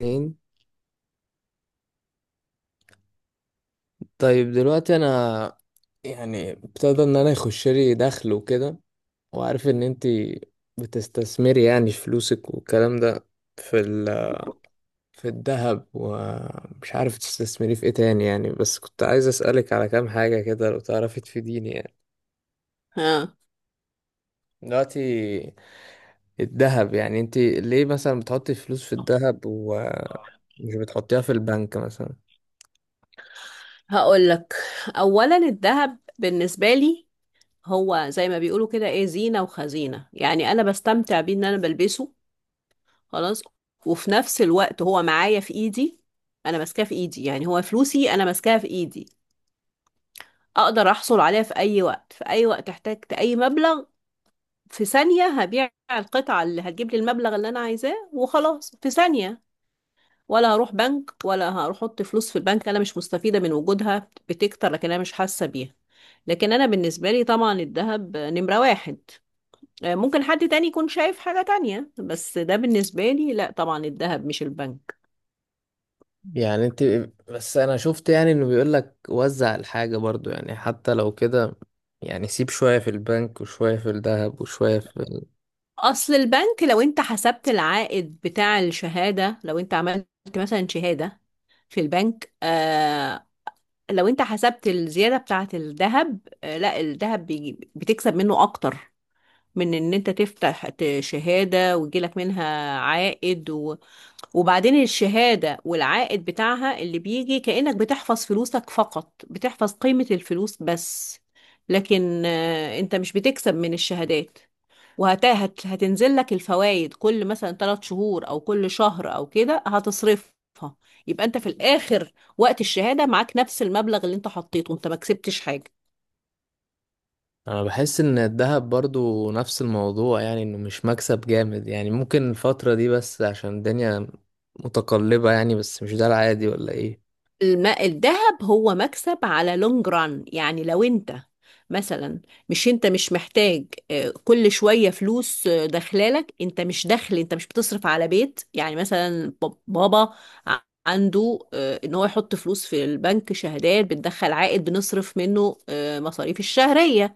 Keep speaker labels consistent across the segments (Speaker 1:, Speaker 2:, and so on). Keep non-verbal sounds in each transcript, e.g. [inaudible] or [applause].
Speaker 1: اتنين. طيب دلوقتي انا ابتدى ان انا يخش لي دخل وكده، وعارف ان انتي بتستثمري يعني فلوسك والكلام ده في في الذهب، ومش عارف تستثمري في ايه تاني يعني، بس كنت عايز اسألك على كام حاجة كده لو تعرفي تفيديني يعني.
Speaker 2: ها،
Speaker 1: دلوقتي الذهب، يعني انتي ليه مثلا بتحطي فلوس في الذهب ومش بتحطيها في البنك مثلا؟
Speaker 2: هقول لك. اولا الذهب بالنسبه لي هو زي ما بيقولوا كده، ايه، زينه وخزينه. يعني انا بستمتع بيه ان انا بلبسه، خلاص. وفي نفس الوقت هو معايا في ايدي، انا ماسكاه في ايدي، يعني هو فلوسي انا ماسكاها في ايدي. اقدر احصل عليها في اي وقت، في اي وقت احتجت اي مبلغ، في ثانيه هبيع القطعه اللي هتجيب لي المبلغ اللي انا عايزاه وخلاص، في ثانيه. ولا هروح بنك ولا هروح احط فلوس في البنك، انا مش مستفيده من وجودها بتكتر لكن انا مش حاسه بيها. لكن انا بالنسبه لي طبعا الذهب نمره واحد. ممكن حد تاني يكون شايف حاجه تانية، بس ده بالنسبه لي لا طبعا الذهب مش البنك.
Speaker 1: يعني انت، بس انا شفت يعني انه بيقول لك وزع الحاجة برضو، يعني حتى لو كده يعني سيب شوية في البنك وشوية في الذهب وشوية في ال...
Speaker 2: اصل البنك، لو انت حسبت العائد بتاع الشهاده، لو انت عملت مثلا شهاده في البنك، لو انت حسبت الزياده بتاعه الذهب، لا، الذهب بيجي بتكسب منه اكتر من ان انت تفتح شهاده ويجيلك منها عائد. وبعدين الشهادة والعائد بتاعها اللي بيجي كأنك بتحفظ فلوسك فقط، بتحفظ قيمة الفلوس بس. لكن انت مش بتكسب من الشهادات، وهتنزل لك الفوائد كل مثلا 3 شهور او كل شهر او كده هتصرفها. يبقى انت في الاخر وقت الشهادة معاك نفس المبلغ اللي انت حطيته، انت ما كسبتش حاجة.
Speaker 1: انا بحس ان الذهب برضو نفس الموضوع، يعني انه مش مكسب جامد يعني، ممكن الفترة دي بس عشان الدنيا متقلبة يعني، بس مش ده العادي ولا ايه؟
Speaker 2: الذهب هو مكسب على لونج ران. يعني لو انت مثلا مش انت مش محتاج كل شوية فلوس داخلالك، انت مش دخل، انت مش بتصرف على بيت. يعني مثلا بابا ع- عنده ان هو يحط فلوس في البنك شهادات بتدخل عائد بنصرف منه مصاريف الشهرية.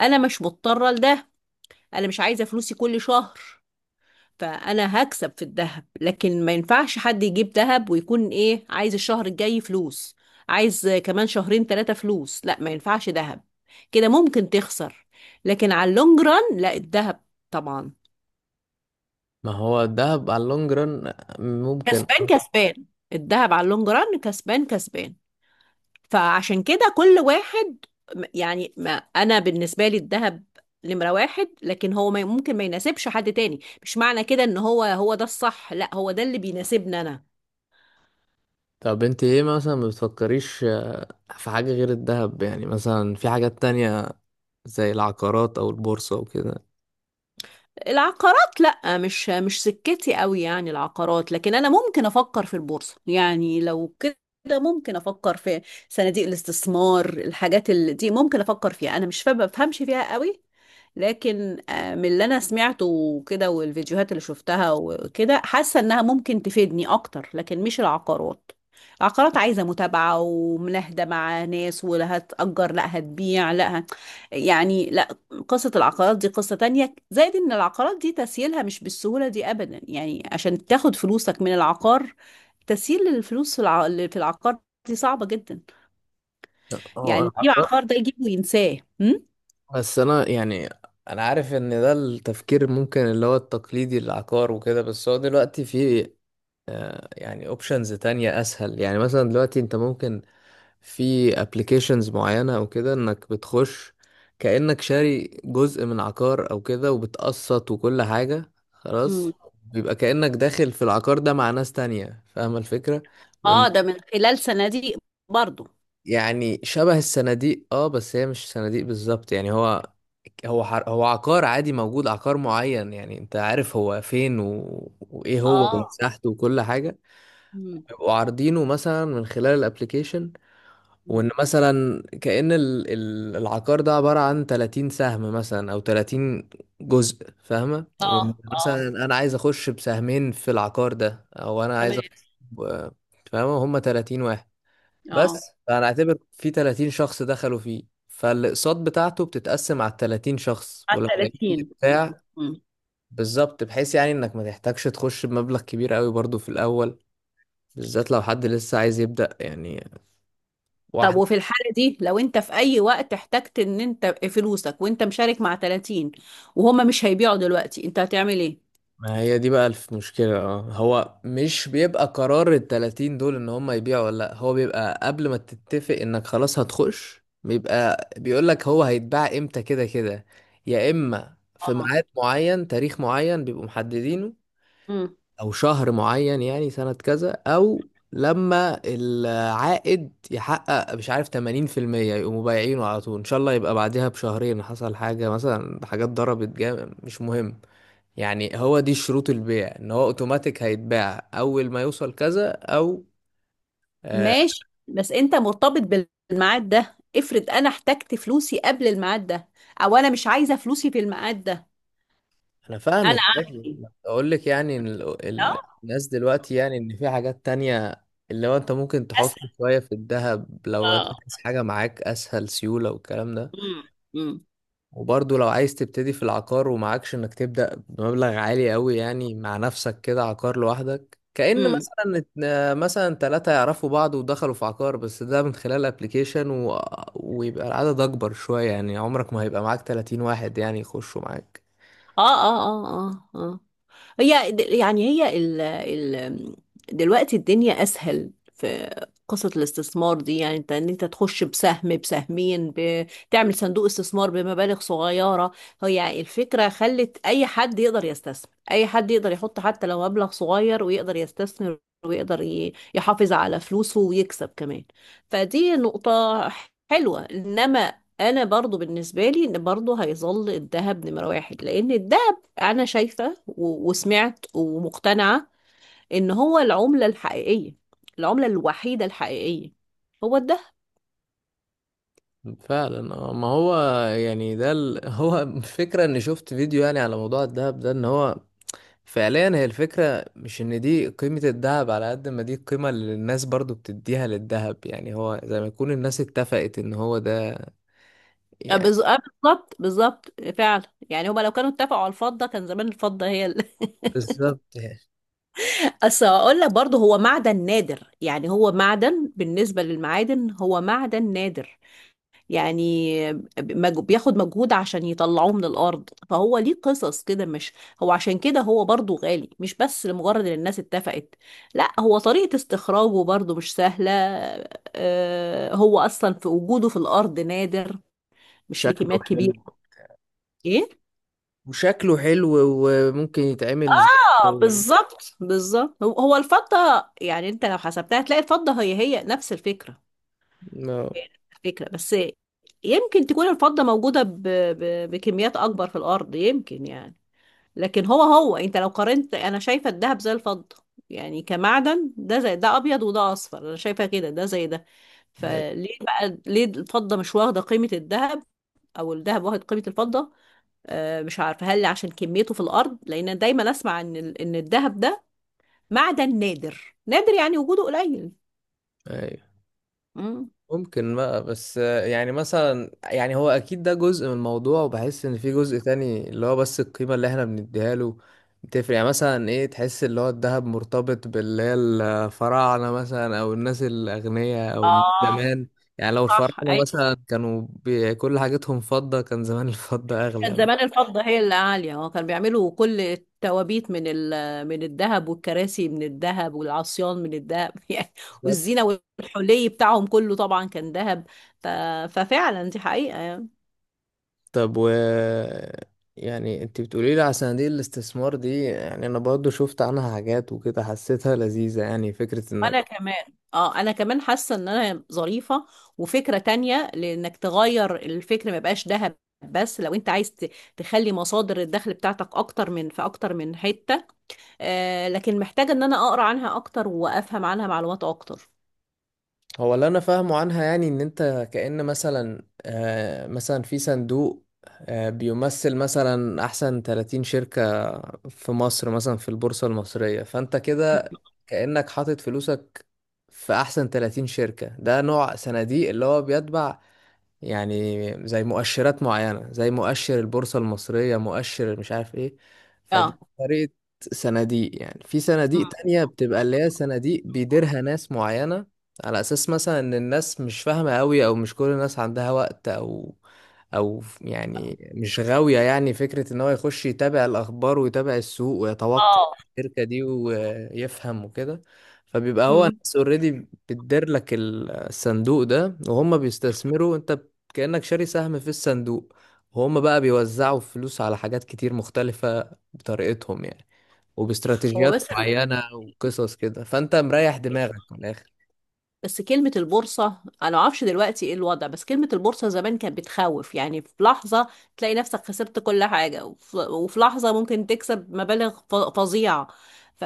Speaker 2: انا مش مضطرة لده، انا مش عايزة فلوسي كل شهر. فانا هكسب في الذهب، لكن ما ينفعش حد يجيب ذهب ويكون ايه عايز الشهر الجاي فلوس، عايز كمان شهرين 3 فلوس، لا ما ينفعش ذهب، كده ممكن تخسر. لكن على اللونج ران لا، الذهب طبعا
Speaker 1: ما هو الذهب على اللونج ران ممكن.
Speaker 2: كسبان كسبان. الذهب على اللونج ران كسبان كسبان. فعشان كده كل واحد، يعني ما انا بالنسبة لي الذهب نمرة واحد، لكن هو ما ممكن ما يناسبش حد تاني، مش معنى كده ان هو هو ده الصح، لا، هو ده اللي بيناسبني انا.
Speaker 1: طب انت ايه مثلا، ما بتفكريش في حاجة غير الذهب يعني، مثلا في حاجات تانية زي العقارات او البورصة وكده؟
Speaker 2: العقارات لا، مش سكتي قوي يعني العقارات، لكن انا ممكن افكر في البورصه، يعني لو كده ممكن افكر في صناديق الاستثمار، الحاجات اللي دي ممكن افكر فيها. انا مش فاهمه، بفهمش فيها قوي، لكن من اللي انا سمعته وكده والفيديوهات اللي شفتها وكده، حاسه انها ممكن تفيدني اكتر. لكن مش العقارات، العقارات عايزه متابعه ومناهده مع ناس، ولا هتأجر لا هتبيع لا يعني قصة العقارات دي قصة تانية، زائد ان العقارات دي تسييلها مش بالسهولة دي ابدا، يعني عشان تاخد فلوسك من العقار، تسييل الفلوس في في العقار دي صعبة جدا. يعني
Speaker 1: هو
Speaker 2: يجيب عقار ده يجيبه وينساه.
Speaker 1: بس انا يعني، انا عارف ان ده التفكير ممكن اللي هو التقليدي، العقار وكده، بس هو دلوقتي في يعني اوبشنز تانية اسهل، يعني مثلا دلوقتي انت ممكن في ابلكيشنز معينة او كده انك بتخش كأنك شاري جزء من عقار او كده وبتقسط وكل حاجة خلاص،
Speaker 2: امم.
Speaker 1: بيبقى كأنك داخل في العقار ده مع ناس تانية فاهمة الفكرة.
Speaker 2: اه، ده من خلال صناديق برضو.
Speaker 1: يعني شبه الصناديق، اه، بس هي مش صناديق بالظبط، يعني هو حر... هو عقار عادي موجود، عقار معين يعني انت عارف هو فين و... وايه هو، اه،
Speaker 2: اه،
Speaker 1: ومساحته وكل حاجة،
Speaker 2: امم،
Speaker 1: بيبقوا عارضينه مثلا من خلال الابليكيشن،
Speaker 2: امم،
Speaker 1: وان مثلا كأن العقار ده عبارة عن 30 سهم مثلا، او 30 جزء فاهمة،
Speaker 2: اه،
Speaker 1: وان
Speaker 2: اه،
Speaker 1: مثلا انا عايز اخش بسهمين في العقار ده، او انا عايز
Speaker 2: تمام.
Speaker 1: اخش ب- فاهمة هما 30 واحد بس،
Speaker 2: اه،
Speaker 1: فانا اعتبر في 30 شخص دخلوا فيه، فالاقساط بتاعته بتتقسم على ال 30 شخص،
Speaker 2: على
Speaker 1: ولما يجي
Speaker 2: 30.
Speaker 1: بتاع،
Speaker 2: مم.
Speaker 1: بالظبط، بحيث يعني انك ما تحتاجش تخش بمبلغ كبير قوي برضو في الاول، بالذات لو حد لسه عايز يبدأ يعني
Speaker 2: طب،
Speaker 1: واحد.
Speaker 2: وفي الحالة دي لو انت في اي وقت احتجت ان انت فلوسك، وانت مشارك مع 30 وهما مش هيبيعوا دلوقتي، انت هتعمل ايه؟
Speaker 1: ما هي دي بقى المشكلة، اه، هو مش بيبقى قرار ال 30 دول ان هم يبيعوا ولا لا، هو بيبقى قبل ما تتفق انك خلاص هتخش بيبقى بيقول لك هو هيتباع امتى، كده كده يا اما في
Speaker 2: اه،
Speaker 1: ميعاد معين، تاريخ معين بيبقوا محددينه
Speaker 2: امم،
Speaker 1: او شهر معين، يعني سنة كذا، او لما العائد يحقق مش عارف 80% يقوموا بايعينه على طول، ان شاء الله يبقى بعدها بشهرين حصل حاجة مثلا، حاجات ضربت جامد مش مهم، يعني هو دي شروط البيع ان هو اوتوماتيك هيتباع اول ما يوصل كذا او آه.
Speaker 2: ماشي. بس انت مرتبط بالميعاد ده، افرض انا احتجت فلوسي قبل الميعاد ده، او انا مش عايزه فلوسي في الميعاد ده،
Speaker 1: انا
Speaker 2: انا
Speaker 1: فاهمك
Speaker 2: اعمل
Speaker 1: أيوة،
Speaker 2: ايه؟
Speaker 1: اقول لك يعني إن
Speaker 2: اه.
Speaker 1: الناس دلوقتي، يعني ان في حاجات تانية اللي هو انت ممكن تحط
Speaker 2: اسهل.
Speaker 1: شوية في الذهب لو انت
Speaker 2: اه،
Speaker 1: عايز حاجة معاك اسهل سيولة والكلام ده،
Speaker 2: امم، امم،
Speaker 1: وبرضه لو عايز تبتدي في العقار ومعكش انك تبدأ بمبلغ عالي قوي، يعني مع نفسك كده عقار لوحدك، كأن
Speaker 2: امم،
Speaker 1: مثلا مثلا ثلاثة يعرفوا بعض ودخلوا في عقار، بس ده من خلال ابلكيشن و... ويبقى العدد اكبر شوية، يعني عمرك ما هيبقى معاك 30 واحد يعني يخشوا معاك.
Speaker 2: اه، اه، اه، اه، اه. هي يعني هي ال دلوقتي الدنيا اسهل في قصة الاستثمار دي. يعني انت ان انت تخش بسهم بسهمين بتعمل صندوق استثمار بمبالغ صغيرة. هي الفكرة خلت اي حد يقدر يستثمر، اي حد يقدر يحط حتى لو مبلغ صغير ويقدر يستثمر ويقدر يحافظ على فلوسه ويكسب كمان. فدي نقطة حلوة، انما انا برضو بالنسبة لي ان برضو هيظل الذهب نمرة واحد، لان الذهب، انا شايفة وسمعت ومقتنعة ان هو العملة الحقيقية، العملة الوحيدة الحقيقية هو الدهب.
Speaker 1: فعلا آه، ما هو يعني ده ال... [laughs] هو الفكرة اني شفت فيديو يعني على موضوع الدهب ده، ان هو فعليا هي الفكرة مش ان دي قيمة الذهب، على قد ما دي القيمة اللي الناس برضو بتديها للذهب، يعني هو زي ما يكون الناس اتفقت ان هو ده
Speaker 2: أه
Speaker 1: يعني.
Speaker 2: بز- أه بالظبط بالظبط فعلا. يعني هما لو كانوا اتفقوا على الفضة كان زمان الفضة.
Speaker 1: بالظبط يعني.
Speaker 2: [laughs] بس هقول لك برضه هو معدن نادر، يعني هو معدن بالنسبة للمعادن هو معدن نادر. يعني بياخد مجهود عشان يطلعوه من الأرض، فهو ليه قصص كده، مش هو عشان كده هو برضو غالي مش بس لمجرد إن الناس اتفقت، لا، هو طريقة استخراجه برضو مش سهلة. هو أصلا في وجوده في الأرض نادر، مش
Speaker 1: شكله
Speaker 2: بكميات
Speaker 1: حلو.
Speaker 2: كبيرة. ايه؟
Speaker 1: وشكله حلو، وممكن يتعمل زي-
Speaker 2: بالظبط بالظبط. هو هو الفضة، يعني انت لو حسبتها هتلاقي الفضة هي هي نفس الفكرة.
Speaker 1: ما-
Speaker 2: الفكرة بس يمكن تكون الفضة موجودة بكميات أكبر في الأرض، يمكن يعني. لكن هو، هو انت لو قارنت انا شايفه الدهب زي الفضه، يعني كمعدن، ده زي ده، ابيض وده اصفر، انا شايفه كده ده زي ده.
Speaker 1: أيوة،
Speaker 2: فليه بقى ليه الفضه مش واخده قيمه الذهب، او الذهب واخد قيمه الفضه؟ آه، مش عارفه هل عشان كميته في الارض، لان دايما اسمع ان ان الذهب ده معدن نادر نادر، يعني وجوده قليل.
Speaker 1: أيوة.
Speaker 2: امم.
Speaker 1: ممكن بقى بس، يعني مثلا، يعني هو اكيد ده جزء من الموضوع، وبحس ان في جزء تاني اللي هو بس القيمة اللي احنا بنديها له بتفرق، يعني مثلا ايه تحس اللي هو الذهب مرتبط باللي هي الفراعنة مثلا، او الناس الاغنياء او من
Speaker 2: اه،
Speaker 1: زمان، يعني لو
Speaker 2: صح.
Speaker 1: الفراعنة مثلا كانوا بي- كل حاجتهم فضة كان زمان [laughs] الفضة
Speaker 2: كان
Speaker 1: اغلى.
Speaker 2: زمان الفضة هي اللي عالية. اه، كانوا بيعملوا كل التوابيت من الذهب والكراسي من الذهب والعصيان من الذهب، [laughs] يعني،
Speaker 1: بالظبط.
Speaker 2: والزينة والحلي بتاعهم كله طبعا كان ذهب. ف... ففعلا دي حقيقة يعني.
Speaker 1: طب و، يعني انت بتقولي لي على صناديق الاستثمار دي، يعني انا برضو شفت عنها حاجات وكده حسيتها لذيذة، يعني فكرة انك،
Speaker 2: انا كمان، اه انا كمان حاسة ان انا ظريفة وفكرة تانية لانك تغير الفكر، ما يبقاش ذهب بس. لو انت عايز تخلي مصادر الدخل بتاعتك اكتر، من في اكتر من حتة. آه، لكن محتاجة ان انا اقرا عنها اكتر وافهم عنها معلومات اكتر.
Speaker 1: هو اللي انا فاهمه عنها يعني ان انت كأن مثلا آه، مثلا في صندوق آه بيمثل مثلا احسن 30 شركة في مصر مثلا في البورصة المصرية، فانت كده كأنك حاطط فلوسك في احسن 30 شركة، ده نوع صناديق اللي هو بيتبع يعني زي مؤشرات معينة زي مؤشر البورصة المصرية، مؤشر مش عارف ايه، فدي
Speaker 2: اه.
Speaker 1: طريقة صناديق. يعني في
Speaker 2: مم.
Speaker 1: صناديق تانية بتبقى اللي هي صناديق بيديرها ناس معينة، على أساس مثلا إن الناس مش فاهمة أوي، أو مش كل الناس عندها وقت، أو أو يعني مش غاوية يعني فكرة إن هو يخش يتابع الأخبار ويتابع السوق ويتوقع
Speaker 2: اه.
Speaker 1: الشركة دي ويفهم وكده، فبيبقى هو
Speaker 2: مم.
Speaker 1: ناس اوريدي بتدير لك الصندوق ده وهم بيستثمروا، انت كأنك شاري سهم في الصندوق، وهم بقى بيوزعوا فلوس على حاجات كتير مختلفة بطريقتهم يعني،
Speaker 2: هو
Speaker 1: وباستراتيجيات
Speaker 2: بس،
Speaker 1: معينة وقصص كده، فأنت مريح دماغك من الآخر.
Speaker 2: بس كلمة البورصة أنا معرفش دلوقتي إيه الوضع، بس كلمة البورصة زمان كانت بتخوف، يعني في لحظة تلاقي نفسك خسرت كل حاجة، وفي لحظة ممكن تكسب مبالغ فظيعة. ف...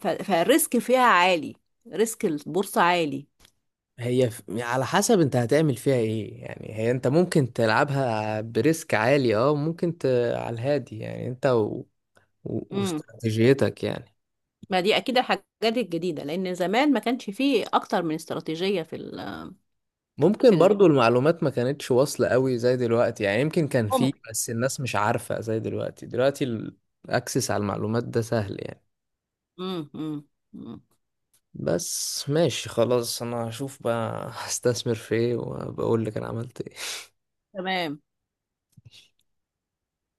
Speaker 2: فالريسك فيها عالي، ريسك البورصة عالي.
Speaker 1: هي ف- على حسب انت هتعمل فيها ايه يعني، هي انت ممكن تلعبها بريسك عالي، اه، ممكن ت... على الهادي، يعني انت و... و...
Speaker 2: مم.
Speaker 1: واستراتيجيتك يعني.
Speaker 2: ما دي أكيد الحاجات الجديدة، لأن زمان ما كانش فيه أكتر من استراتيجية في
Speaker 1: ممكن
Speaker 2: ال...
Speaker 1: برضو المعلومات ما كانتش واصلة قوي زي دلوقتي، يعني يمكن كان
Speaker 2: مم.
Speaker 1: فيه بس الناس مش عارفة زي دلوقتي. دلوقتي الاكسس على المعلومات ده سهل يعني.
Speaker 2: مم. مم.
Speaker 1: بس ماشي خلاص، انا هشوف بقى [laughs] هستثمر في ايه وبقول لك انا عملت ايه.
Speaker 2: تمام.